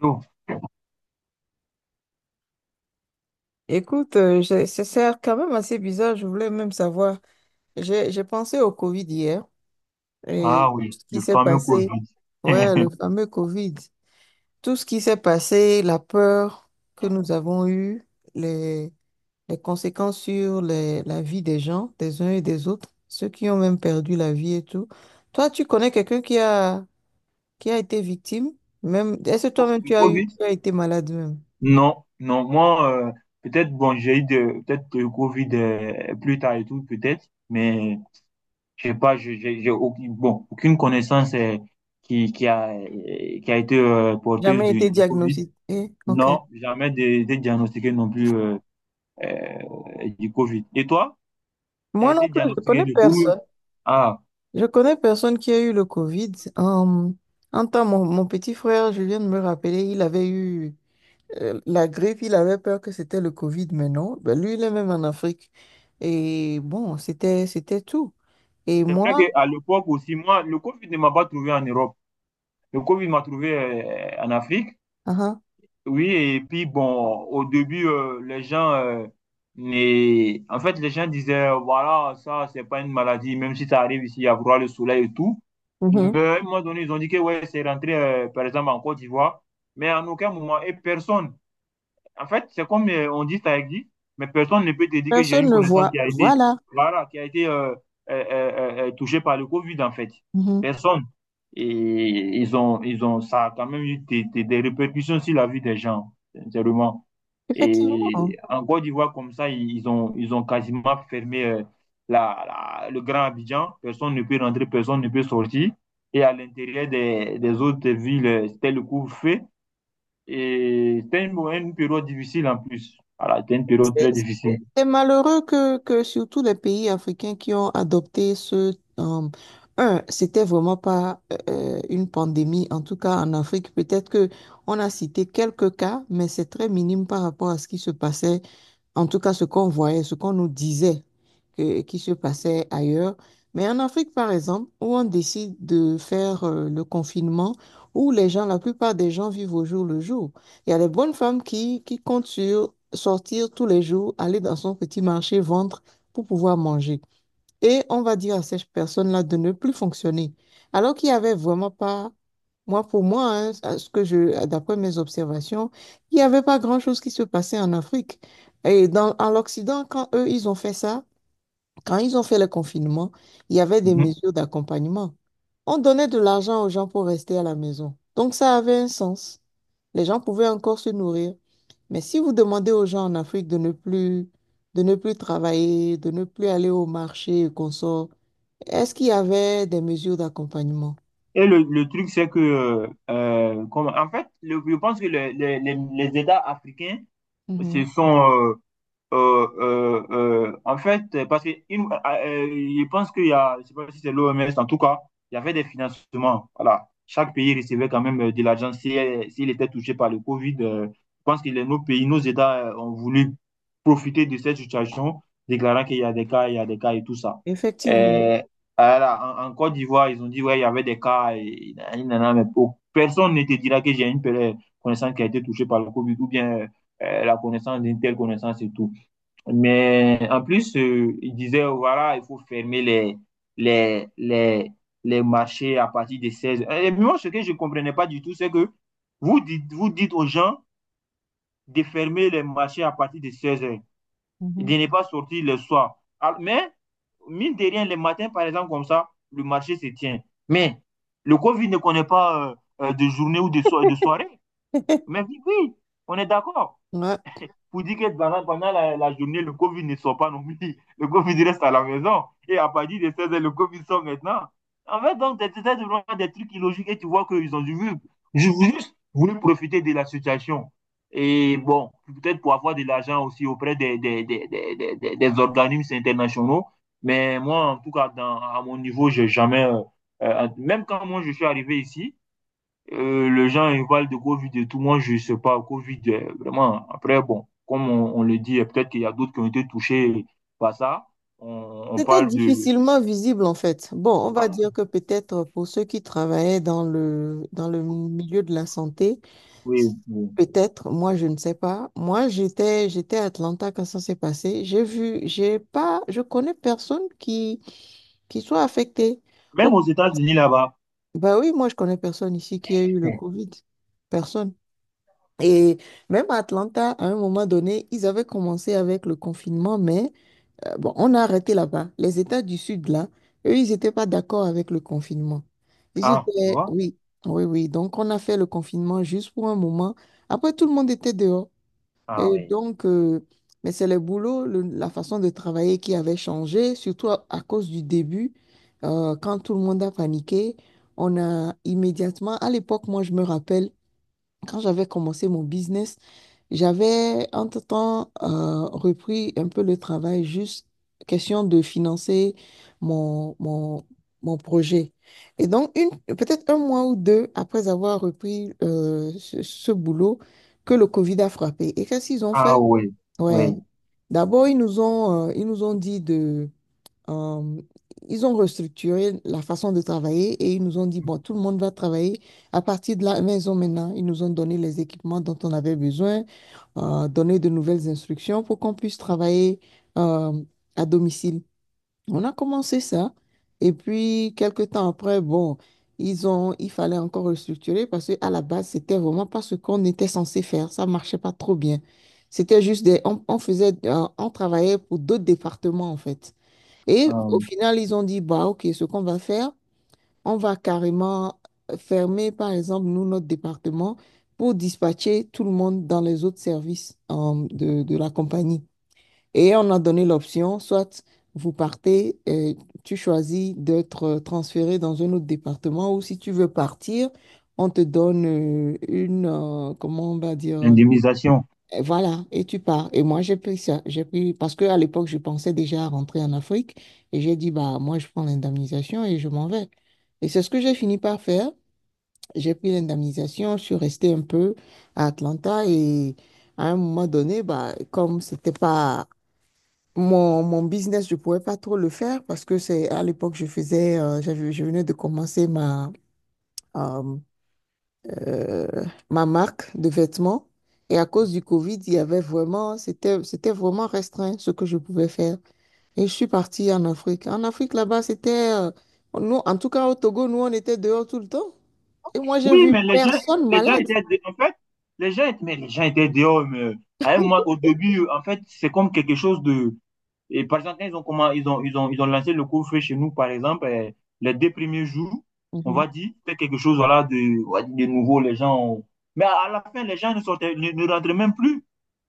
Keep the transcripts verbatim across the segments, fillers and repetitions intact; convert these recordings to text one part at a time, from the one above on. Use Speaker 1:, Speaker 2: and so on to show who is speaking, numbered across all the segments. Speaker 1: Oh.
Speaker 2: Écoute, euh, j'ai- c'est c'est quand même assez bizarre. Je voulais même savoir. J'ai j'ai pensé au Covid hier
Speaker 1: Ah
Speaker 2: et tout
Speaker 1: oui,
Speaker 2: ce
Speaker 1: le
Speaker 2: qui s'est
Speaker 1: fameux Covid.
Speaker 2: passé. Ouais, le fameux Covid. Tout ce qui s'est passé, la peur que nous avons eue, les, les conséquences sur les- la vie des gens, des uns et des autres, ceux qui ont même perdu la vie et tout. Toi, tu connais quelqu'un qui a, qui a été victime? Même, est-ce que toi-même
Speaker 1: Le
Speaker 2: tu as eu,
Speaker 1: Covid?
Speaker 2: tu as été malade même?
Speaker 1: Non, non, moi, euh, peut-être, bon, j'ai eu de, peut-être le Covid euh, plus tard et tout, peut-être, mais je sais pas, je- j'ai j'ai aucune, bon, aucune connaissance euh, qui, qui a, euh, qui a été euh, porteuse
Speaker 2: Jamais
Speaker 1: du,
Speaker 2: été
Speaker 1: du Covid.
Speaker 2: diagnostiqué? Ok.
Speaker 1: Non, jamais de- été diagnostiqué non plus euh, euh, du Covid. Et toi, tu as
Speaker 2: Moi non
Speaker 1: été
Speaker 2: plus, je
Speaker 1: diagnostiqué
Speaker 2: connais
Speaker 1: du Covid?
Speaker 2: personne.
Speaker 1: Ah,
Speaker 2: Je connais personne qui a eu le Covid. Euh, En un temps, mon, mon petit frère, je viens de me rappeler, il avait eu euh, la grippe, il avait peur que c'était le Covid, mais non. Ben, lui, il est même en Afrique. Et bon, c'était, c'était tout. Et
Speaker 1: c'est vrai
Speaker 2: moi,
Speaker 1: qu'à l'époque aussi, moi, le Covid ne m'a pas trouvé en Europe. Le Covid m'a trouvé euh, en Afrique.
Speaker 2: ah ah,
Speaker 1: Oui, et puis bon, au début, euh, les gens, euh, les- en fait, les gens disaient, voilà, ça, c'est pas une maladie, même si ça arrive ici, il y a vraiment le soleil et tout. Mais
Speaker 2: mhm,
Speaker 1: à un moment donné, ils ont dit que ouais, c'est rentré, euh, par exemple, en Côte d'Ivoire, mais en aucun moment, et personne. En fait, c'est comme euh, on dit, ça existe, mais personne ne peut te dire que j'ai
Speaker 2: personne
Speaker 1: une
Speaker 2: ne
Speaker 1: connaissance
Speaker 2: voit.
Speaker 1: qui a été,
Speaker 2: Voilà.
Speaker 1: voilà, qui a été euh, euh, euh, euh, touchée par le Covid, en fait.
Speaker 2: Mhm.
Speaker 1: Personne. Et ils ont, ils ont, ça a quand même eu des, des- des répercussions sur la vie des gens, sincèrement.
Speaker 2: Effectivement.
Speaker 1: Et en Côte d'Ivoire, comme ça, ils ont, ils ont quasiment fermé euh, la, la- le Grand Abidjan. Personne ne peut rentrer, personne ne peut sortir. Et à l'intérieur des, des autres villes, euh, c'était le couvre-feu. Et c'était une, une période difficile en plus. Voilà, c'était une période
Speaker 2: C'est
Speaker 1: très difficile.
Speaker 2: c'est malheureux que, que surtout les pays africains qui ont adopté ce... euh, un, c'était vraiment pas euh, une pandémie, en tout cas en Afrique. Peut-être que on a cité quelques cas, mais c'est très minime par rapport à ce qui se passait, en tout cas ce qu'on voyait, ce qu'on nous disait que- qui se passait ailleurs. Mais en Afrique, par exemple, où on décide de faire euh, le confinement, où les gens, la plupart des gens vivent au jour le jour. Il y a les bonnes femmes qui, qui comptent sur sortir tous les jours, aller dans son petit marché, vendre pour pouvoir manger. Et on va dire à ces personnes-là de ne plus fonctionner. Alors qu'il n'y avait vraiment pas, moi pour moi, hein, à ce que je, d'après mes observations, il n'y avait pas grand-chose qui se passait en Afrique. Et dans, en l'Occident, quand eux, ils ont fait ça, quand ils ont fait le confinement, il y avait des
Speaker 1: Mhm.
Speaker 2: mesures d'accompagnement. On donnait de l'argent aux gens pour rester à la maison. Donc ça avait un sens. Les gens pouvaient encore se nourrir. Mais si vous demandez aux gens en Afrique de ne plus, de ne plus travailler, de ne plus aller au marché et qu'on sort, est-ce qu'il y avait des mesures d'accompagnement?
Speaker 1: Et le, le truc, c'est que, euh, comme, en fait, le- je pense que le- le- les, les États africains se
Speaker 2: Mhm.
Speaker 1: sont, euh, Euh, euh, euh, en fait, parce que une- euh, euh, je pense qu'il y a, je sais pas si c'est l'O M S, en tout cas, il y avait des financements. Voilà. Chaque pays recevait quand même euh, de l'argent si, euh, s'il était touché par le Covid. euh, je pense que les- nos pays, nos États euh, ont voulu profiter de cette situation, déclarant qu'il y a des cas, il y a des cas et tout ça.
Speaker 2: Effectivement.
Speaker 1: Euh, voilà, en, en Côte d'Ivoire, ils ont dit, ouais, il y avait des cas, et, et nanana, mais pour- personne ne te dira que j'ai une connaissance qui a été touchée par le Covid ou bien euh, euh, la connaissance d'une telle connaissance et tout. Mais en plus, euh, il disait, euh, voilà, il faut fermer les, les, les, les marchés à partir de seize heures. Et moi, ce que je ne comprenais pas du tout, c'est que vous dites, vous dites aux gens de fermer les marchés à partir de seize heures et de
Speaker 2: Mhm.
Speaker 1: ne pas sortir le soir. Ah, Mais, mine de rien, le matin, par exemple, comme ça, le marché se tient. Mais le Covid ne connaît pas euh, euh, de journée ou de, so- de soirée. Mais oui, oui, on est d'accord
Speaker 2: Ouais.
Speaker 1: pour dire que pendant, pendant la, la, journée, le Covid ne sort pas non plus. Le Covid reste à la maison. Et à partir de seize h le Covid sort maintenant. En fait, donc, c'est vraiment des trucs illogiques et tu vois qu'ils ont dû juste voulu profiter de la situation. Et bon, peut-être pour avoir de l'argent aussi auprès des des, des, des, des, des organismes internationaux. Mais moi, en tout cas, dans, à mon niveau, j'ai jamais. Euh, euh, même quand moi je suis arrivé ici, euh, les gens ils parlent de Covid et tout. Moi, je ne sais pas. Covid, euh, vraiment. Après, bon, comme on, on le dit, peut-être qu'il y a d'autres qui ont été touchés par ça. On, on
Speaker 2: C'était
Speaker 1: parle de.
Speaker 2: difficilement visible en fait. Bon, on va
Speaker 1: Voilà.
Speaker 2: dire que peut-être pour ceux qui travaillaient dans le, dans le milieu de la santé,
Speaker 1: Oui, oui.
Speaker 2: peut-être, moi je ne sais pas. Moi j'étais, j'étais à Atlanta quand ça s'est passé. J'ai vu, j'ai pas, je connais personne qui, qui soit affecté.
Speaker 1: Même
Speaker 2: Oh,
Speaker 1: aux États-Unis là-bas.
Speaker 2: bah oui, moi je connais personne ici qui a eu le Covid. Personne. Et même à Atlanta, à un moment donné, ils avaient commencé avec le confinement, mais euh, bon, on a arrêté là-bas. Les États du Sud, là, eux, ils n'étaient pas d'accord avec le confinement. Ils
Speaker 1: Ah, tu
Speaker 2: étaient,
Speaker 1: vois?
Speaker 2: oui, oui, oui. Donc, on a fait le confinement juste pour un moment. Après, tout le monde était dehors.
Speaker 1: Ah
Speaker 2: Et
Speaker 1: oui.
Speaker 2: donc, euh, mais c'est le boulot, le- la façon de travailler qui avait changé, surtout à, à cause du début, euh, quand tout le monde a paniqué. On a immédiatement, à l'époque, moi, je me rappelle. Quand j'avais commencé mon business, j'avais entre-temps euh, repris un peu le travail, juste question de financer mon, mon, mon projet. Et donc, une, peut-être un mois ou deux après avoir repris euh, ce, ce boulot, que le Covid a frappé. Et qu'est-ce qu'ils ont fait?
Speaker 1: Ah oui. Oui.
Speaker 2: Ouais. D'abord, ils nous ont, euh, ils nous ont dit euh, ils ont restructuré la façon de travailler et ils nous ont dit, bon, tout le monde va travailler à partir de la maison maintenant. Ils nous ont donné les équipements dont on avait besoin, euh, donné de nouvelles instructions pour qu'on puisse travailler euh, à domicile. On a commencé ça et puis quelques temps après, bon, ils ont, il fallait encore restructurer parce qu'à la base, c'était vraiment pas ce qu'on était censé faire. Ça marchait pas trop bien. C'était juste des, on, on faisait, euh, on travaillait pour d'autres départements en fait. Et
Speaker 1: Ah
Speaker 2: au
Speaker 1: oui.
Speaker 2: final, ils ont dit, bah, OK, ce qu'on va faire, on va carrément fermer, par exemple, nous, notre département pour dispatcher tout le monde dans les autres services euh, de, de la compagnie. Et on a donné l'option, soit vous partez, et tu choisis d'être euh, transféré dans un autre département, ou si tu veux partir, on te donne euh, une, euh, comment on va dire,
Speaker 1: L'indemnisation.
Speaker 2: et voilà, et tu pars. Et moi, j'ai pris ça. J'ai pris, parce qu'à l'époque, je pensais déjà à rentrer en Afrique. Et j'ai dit, bah, moi, je prends l'indemnisation et je m'en vais. Et c'est ce que j'ai fini par faire. J'ai pris l'indemnisation, je suis restée un peu à Atlanta. Et à un moment donné, bah, comme c'était pas mon, mon business, je pouvais pas trop le faire parce que c'est à l'époque, je faisais, euh, j'avais, je venais de commencer ma, euh, euh, ma marque de vêtements. Et à cause du Covid, il y avait vraiment, c'était, c'était vraiment restreint ce que je pouvais faire. Et je suis partie en Afrique. En Afrique, là-bas, c'était, euh, nous, en tout cas au Togo, nous, on était dehors tout le temps. Et moi, j'ai
Speaker 1: Oui,
Speaker 2: vu
Speaker 1: mais les gens,
Speaker 2: personne
Speaker 1: les gens
Speaker 2: malade.
Speaker 1: étaient. dé- En fait, les gens, étaient- mais les gens étaient dehors. Mais, à un moment- au début, en fait, c'est comme quelque chose. Et par exemple, quand ils ont, comment, ils ont, ils ont, ils ont lancé le cours feu chez nous, par exemple, euh, les deux premiers jours, on
Speaker 2: Mhm,
Speaker 1: va dire, faire quelque chose voilà, de, on va dire, de nouveau, les gens. ont- Mais à, à la fin, les gens ne sortaient, ne, ne rentraient même plus.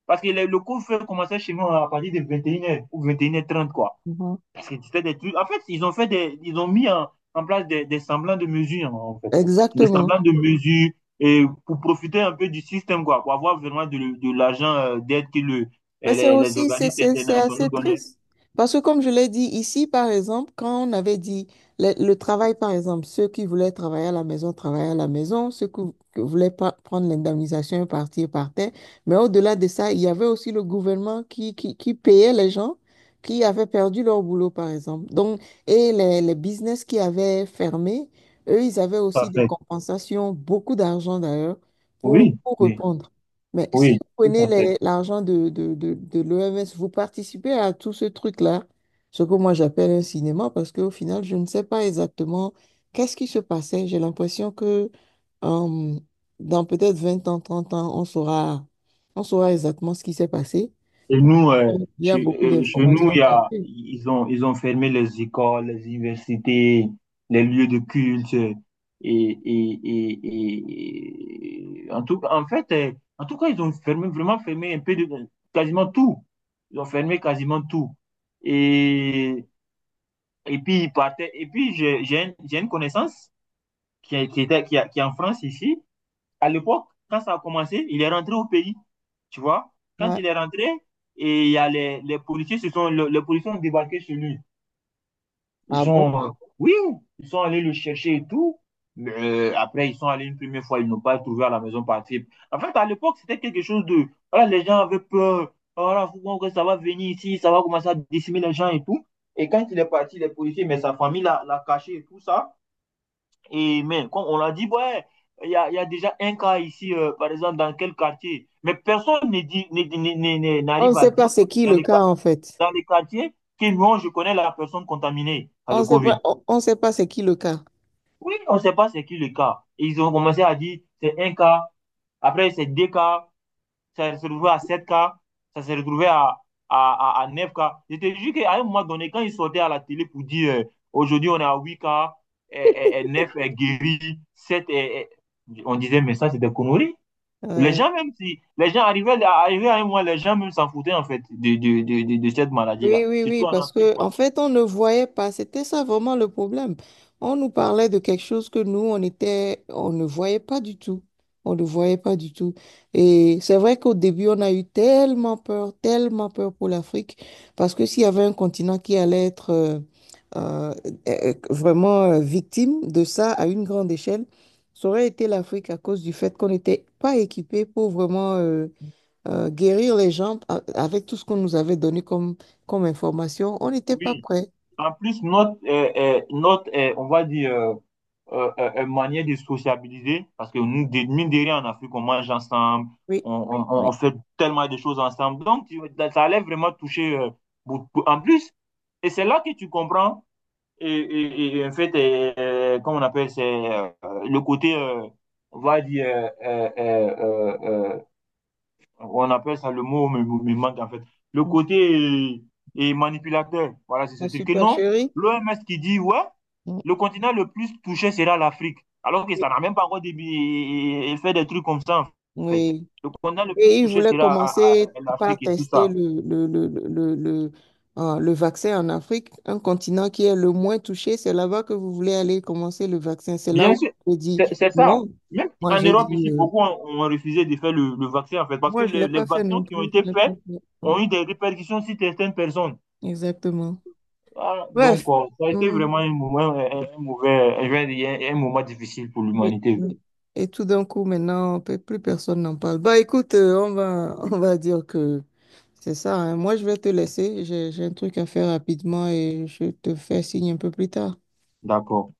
Speaker 1: Parce que le, le cours feu commençait chez nous à partir de vingt et une heures ou vingt et une heures trente, quoi.
Speaker 2: mhm.
Speaker 1: Parce que c'était des trucs. En fait, ils ont fait des, ils ont mis en, en place des, des semblants de mesures, hein, en fait. Des
Speaker 2: Exactement.
Speaker 1: semblants de mesures et pour profiter un peu du système, quoi, pour avoir vraiment de, de l'argent euh, d'aide que le,
Speaker 2: Mais
Speaker 1: eh,
Speaker 2: c'est
Speaker 1: les, les
Speaker 2: aussi, c'est
Speaker 1: organismes
Speaker 2: c'est- c'est
Speaker 1: internationaux
Speaker 2: assez
Speaker 1: donnaient.
Speaker 2: triste. Parce que comme je l'ai dit ici, par exemple, quand on avait dit le, le travail, par exemple, ceux qui voulaient travailler à la maison, travaillaient à la maison, ceux qui, qui voulaient pas prendre l'indemnisation et partir, partaient. Mais au-delà de ça, il y avait aussi le gouvernement qui, qui, qui payait les gens qui avaient perdu leur boulot, par exemple. Donc, et les, les business qui avaient fermé, eux, ils avaient
Speaker 1: Tout à
Speaker 2: aussi des
Speaker 1: fait.
Speaker 2: compensations, beaucoup d'argent d'ailleurs, pour,
Speaker 1: Oui,
Speaker 2: pour
Speaker 1: oui,
Speaker 2: répondre. Mais si
Speaker 1: oui,
Speaker 2: vous
Speaker 1: tout
Speaker 2: prenez
Speaker 1: à fait.
Speaker 2: les- l'argent de, de, de, de l'O M S, vous participez à tout ce truc-là, ce que moi j'appelle un cinéma, parce qu'au final, je ne sais pas exactement qu'est-ce qui se passait. J'ai l'impression que euh, dans peut-être vingt ans, trente ans, on saura, on saura exactement ce qui s'est passé.
Speaker 1: Et nous, euh,
Speaker 2: Il y a
Speaker 1: chez,
Speaker 2: beaucoup
Speaker 1: euh, chez nous,
Speaker 2: d'informations
Speaker 1: il y a,
Speaker 2: cachées.
Speaker 1: ils ont, ils ont fermé les écoles, les universités, les lieux de culte. euh, Et, et, et, et- et- en tout, en fait, euh, en tout cas, ils ont fermé, vraiment fermé un peu de, quasiment tout. Ils ont fermé quasiment tout. Et, et puis, ils partaient. Et puis, j'ai, j'ai un- j'ai une connaissance qui, est- qui était, qui, est- qui est en France ici. À l'époque, quand ça a commencé, il est rentré au pays. Tu vois? Quand
Speaker 2: Ouais.
Speaker 1: il est rentré, et il y a les, les policiers se sont, le- les policiers ont débarqué chez lui. Ils
Speaker 2: Ah bon?
Speaker 1: sont, euh, oui, ils sont allés le chercher et tout. Mais euh, après, ils sont allés une première fois, ils n'ont pas trouvé à la maison passible. En fait, à l'époque, c'était quelque chose de, voilà, les gens avaient peur. Voilà, faut voir que ça va venir ici, ça va commencer à décimer les gens et tout. Et quand il est parti, les policiers, mais sa famille l'a l'a caché et tout ça. Et même, comme on l'a dit, ouais, il y a, y a déjà un cas ici, euh, par exemple, dans quel quartier. Mais personne ne dit- ne- ne- ne- ne-
Speaker 2: On ne
Speaker 1: n'arrive à
Speaker 2: sait pas
Speaker 1: dire
Speaker 2: c'est qui
Speaker 1: dans
Speaker 2: le
Speaker 1: les,
Speaker 2: cas,
Speaker 1: qua-
Speaker 2: en fait.
Speaker 1: dans les quartiers que non, je connais la personne contaminée par
Speaker 2: On
Speaker 1: le
Speaker 2: ne sait
Speaker 1: Covid.
Speaker 2: pas, on, on sait pas c'est qui le cas.
Speaker 1: Oui, on ne sait pas c'est qui le cas. Et ils ont commencé à dire c'est un cas, après c'est deux cas, ça s'est retrouvé à sept k ça s'est retrouvé à, à, à, à neuf k. Je te jure qu'à un moment donné, quand ils sortaient à la télé pour dire euh, aujourd'hui on est à huit k et, neuf est guéri, sept est, et... On disait, mais ça c'est des conneries. Les
Speaker 2: Ouais.
Speaker 1: gens, même si les gens arrivaient, à, arrivaient à un moment, les gens même s'en foutaient en fait de, de, de, de, de cette
Speaker 2: Oui,
Speaker 1: maladie-là,
Speaker 2: oui, oui,
Speaker 1: surtout en
Speaker 2: parce
Speaker 1: Afrique,
Speaker 2: que en
Speaker 1: quoi.
Speaker 2: fait, on ne voyait pas. C'était ça vraiment le problème. On nous parlait de quelque chose que nous, on était, on ne voyait pas du tout. On ne voyait pas du tout. Et c'est vrai qu'au début, on a eu tellement peur, tellement peur pour l'Afrique, parce que s'il y avait un continent qui allait être euh, euh, euh, vraiment euh, victime de ça à une grande échelle, ça aurait été l'Afrique à cause du fait qu'on n'était pas équipé pour vraiment euh, euh, guérir les gens a- avec tout ce qu'on nous avait donné comme, comme information, on n'était pas
Speaker 1: Oui.
Speaker 2: prêts.
Speaker 1: En plus, notre, euh, euh, notre euh, on va dire, euh, euh, euh, euh, manière de sociabiliser, parce que nous, de, mine de rien, en Afrique, on mange ensemble,
Speaker 2: Oui,
Speaker 1: on, on, on- on
Speaker 2: oui.
Speaker 1: fait tellement de choses ensemble. Donc, tu- ça allait vraiment toucher euh, beaucoup. En plus, et c'est là que tu comprends, et, et- et en fait, euh, euh, comment on appelle, c'est euh, le côté, euh, on va dire, euh, euh, euh, euh, euh, on appelle ça le mot me, me manque en fait. Le
Speaker 2: Mm.
Speaker 1: côté est, est manipulateur. Voilà, c'est ce
Speaker 2: La
Speaker 1: truc. Que non,
Speaker 2: supercherie,
Speaker 1: l'O M S qui dit, ouais,
Speaker 2: mm,
Speaker 1: le continent le plus touché sera l'Afrique. Alors que
Speaker 2: oui.
Speaker 1: ça n'a même pas encore début, et- fait des trucs comme ça, en fait.
Speaker 2: Oui.
Speaker 1: Le continent le plus
Speaker 2: Et ils
Speaker 1: touché
Speaker 2: voulaient
Speaker 1: sera
Speaker 2: commencer par
Speaker 1: l'Afrique et tout
Speaker 2: tester
Speaker 1: ça.
Speaker 2: le, le, le, le, le, le euh, le vaccin en Afrique, un continent qui est le moins touché. C'est là-bas que vous voulez aller commencer le vaccin. C'est là
Speaker 1: Bien
Speaker 2: où
Speaker 1: sûr,
Speaker 2: je dis
Speaker 1: c'est c'est ça.
Speaker 2: non.
Speaker 1: Même
Speaker 2: Moi,
Speaker 1: en
Speaker 2: j'ai
Speaker 1: Europe,
Speaker 2: dit,
Speaker 1: ici,
Speaker 2: euh,
Speaker 1: beaucoup ont, ont refusé de faire le, le vaccin, en fait, parce que
Speaker 2: moi, je ne l'ai
Speaker 1: les, les
Speaker 2: pas fait
Speaker 1: vaccins
Speaker 2: non
Speaker 1: qui ont
Speaker 2: plus.
Speaker 1: été
Speaker 2: Je l'ai pas
Speaker 1: faits
Speaker 2: fait. Ouais,
Speaker 1: ont eu des répercussions sur certaines personnes.
Speaker 2: exactement.
Speaker 1: Ah, donc,
Speaker 2: Bref.
Speaker 1: euh, ça a été
Speaker 2: Mm.
Speaker 1: vraiment un moment, un, un mauvais, je vais dire, un un moment difficile pour
Speaker 2: Oui,
Speaker 1: l'humanité.
Speaker 2: oui. Et tout d'un coup, maintenant, pe- plus personne n'en parle. Bah, écoute, euh, on va, on va dire que c'est ça, hein. Moi, je vais te laisser. J'ai, j'ai un truc à faire rapidement et je te fais signe un peu plus tard.
Speaker 1: D'accord.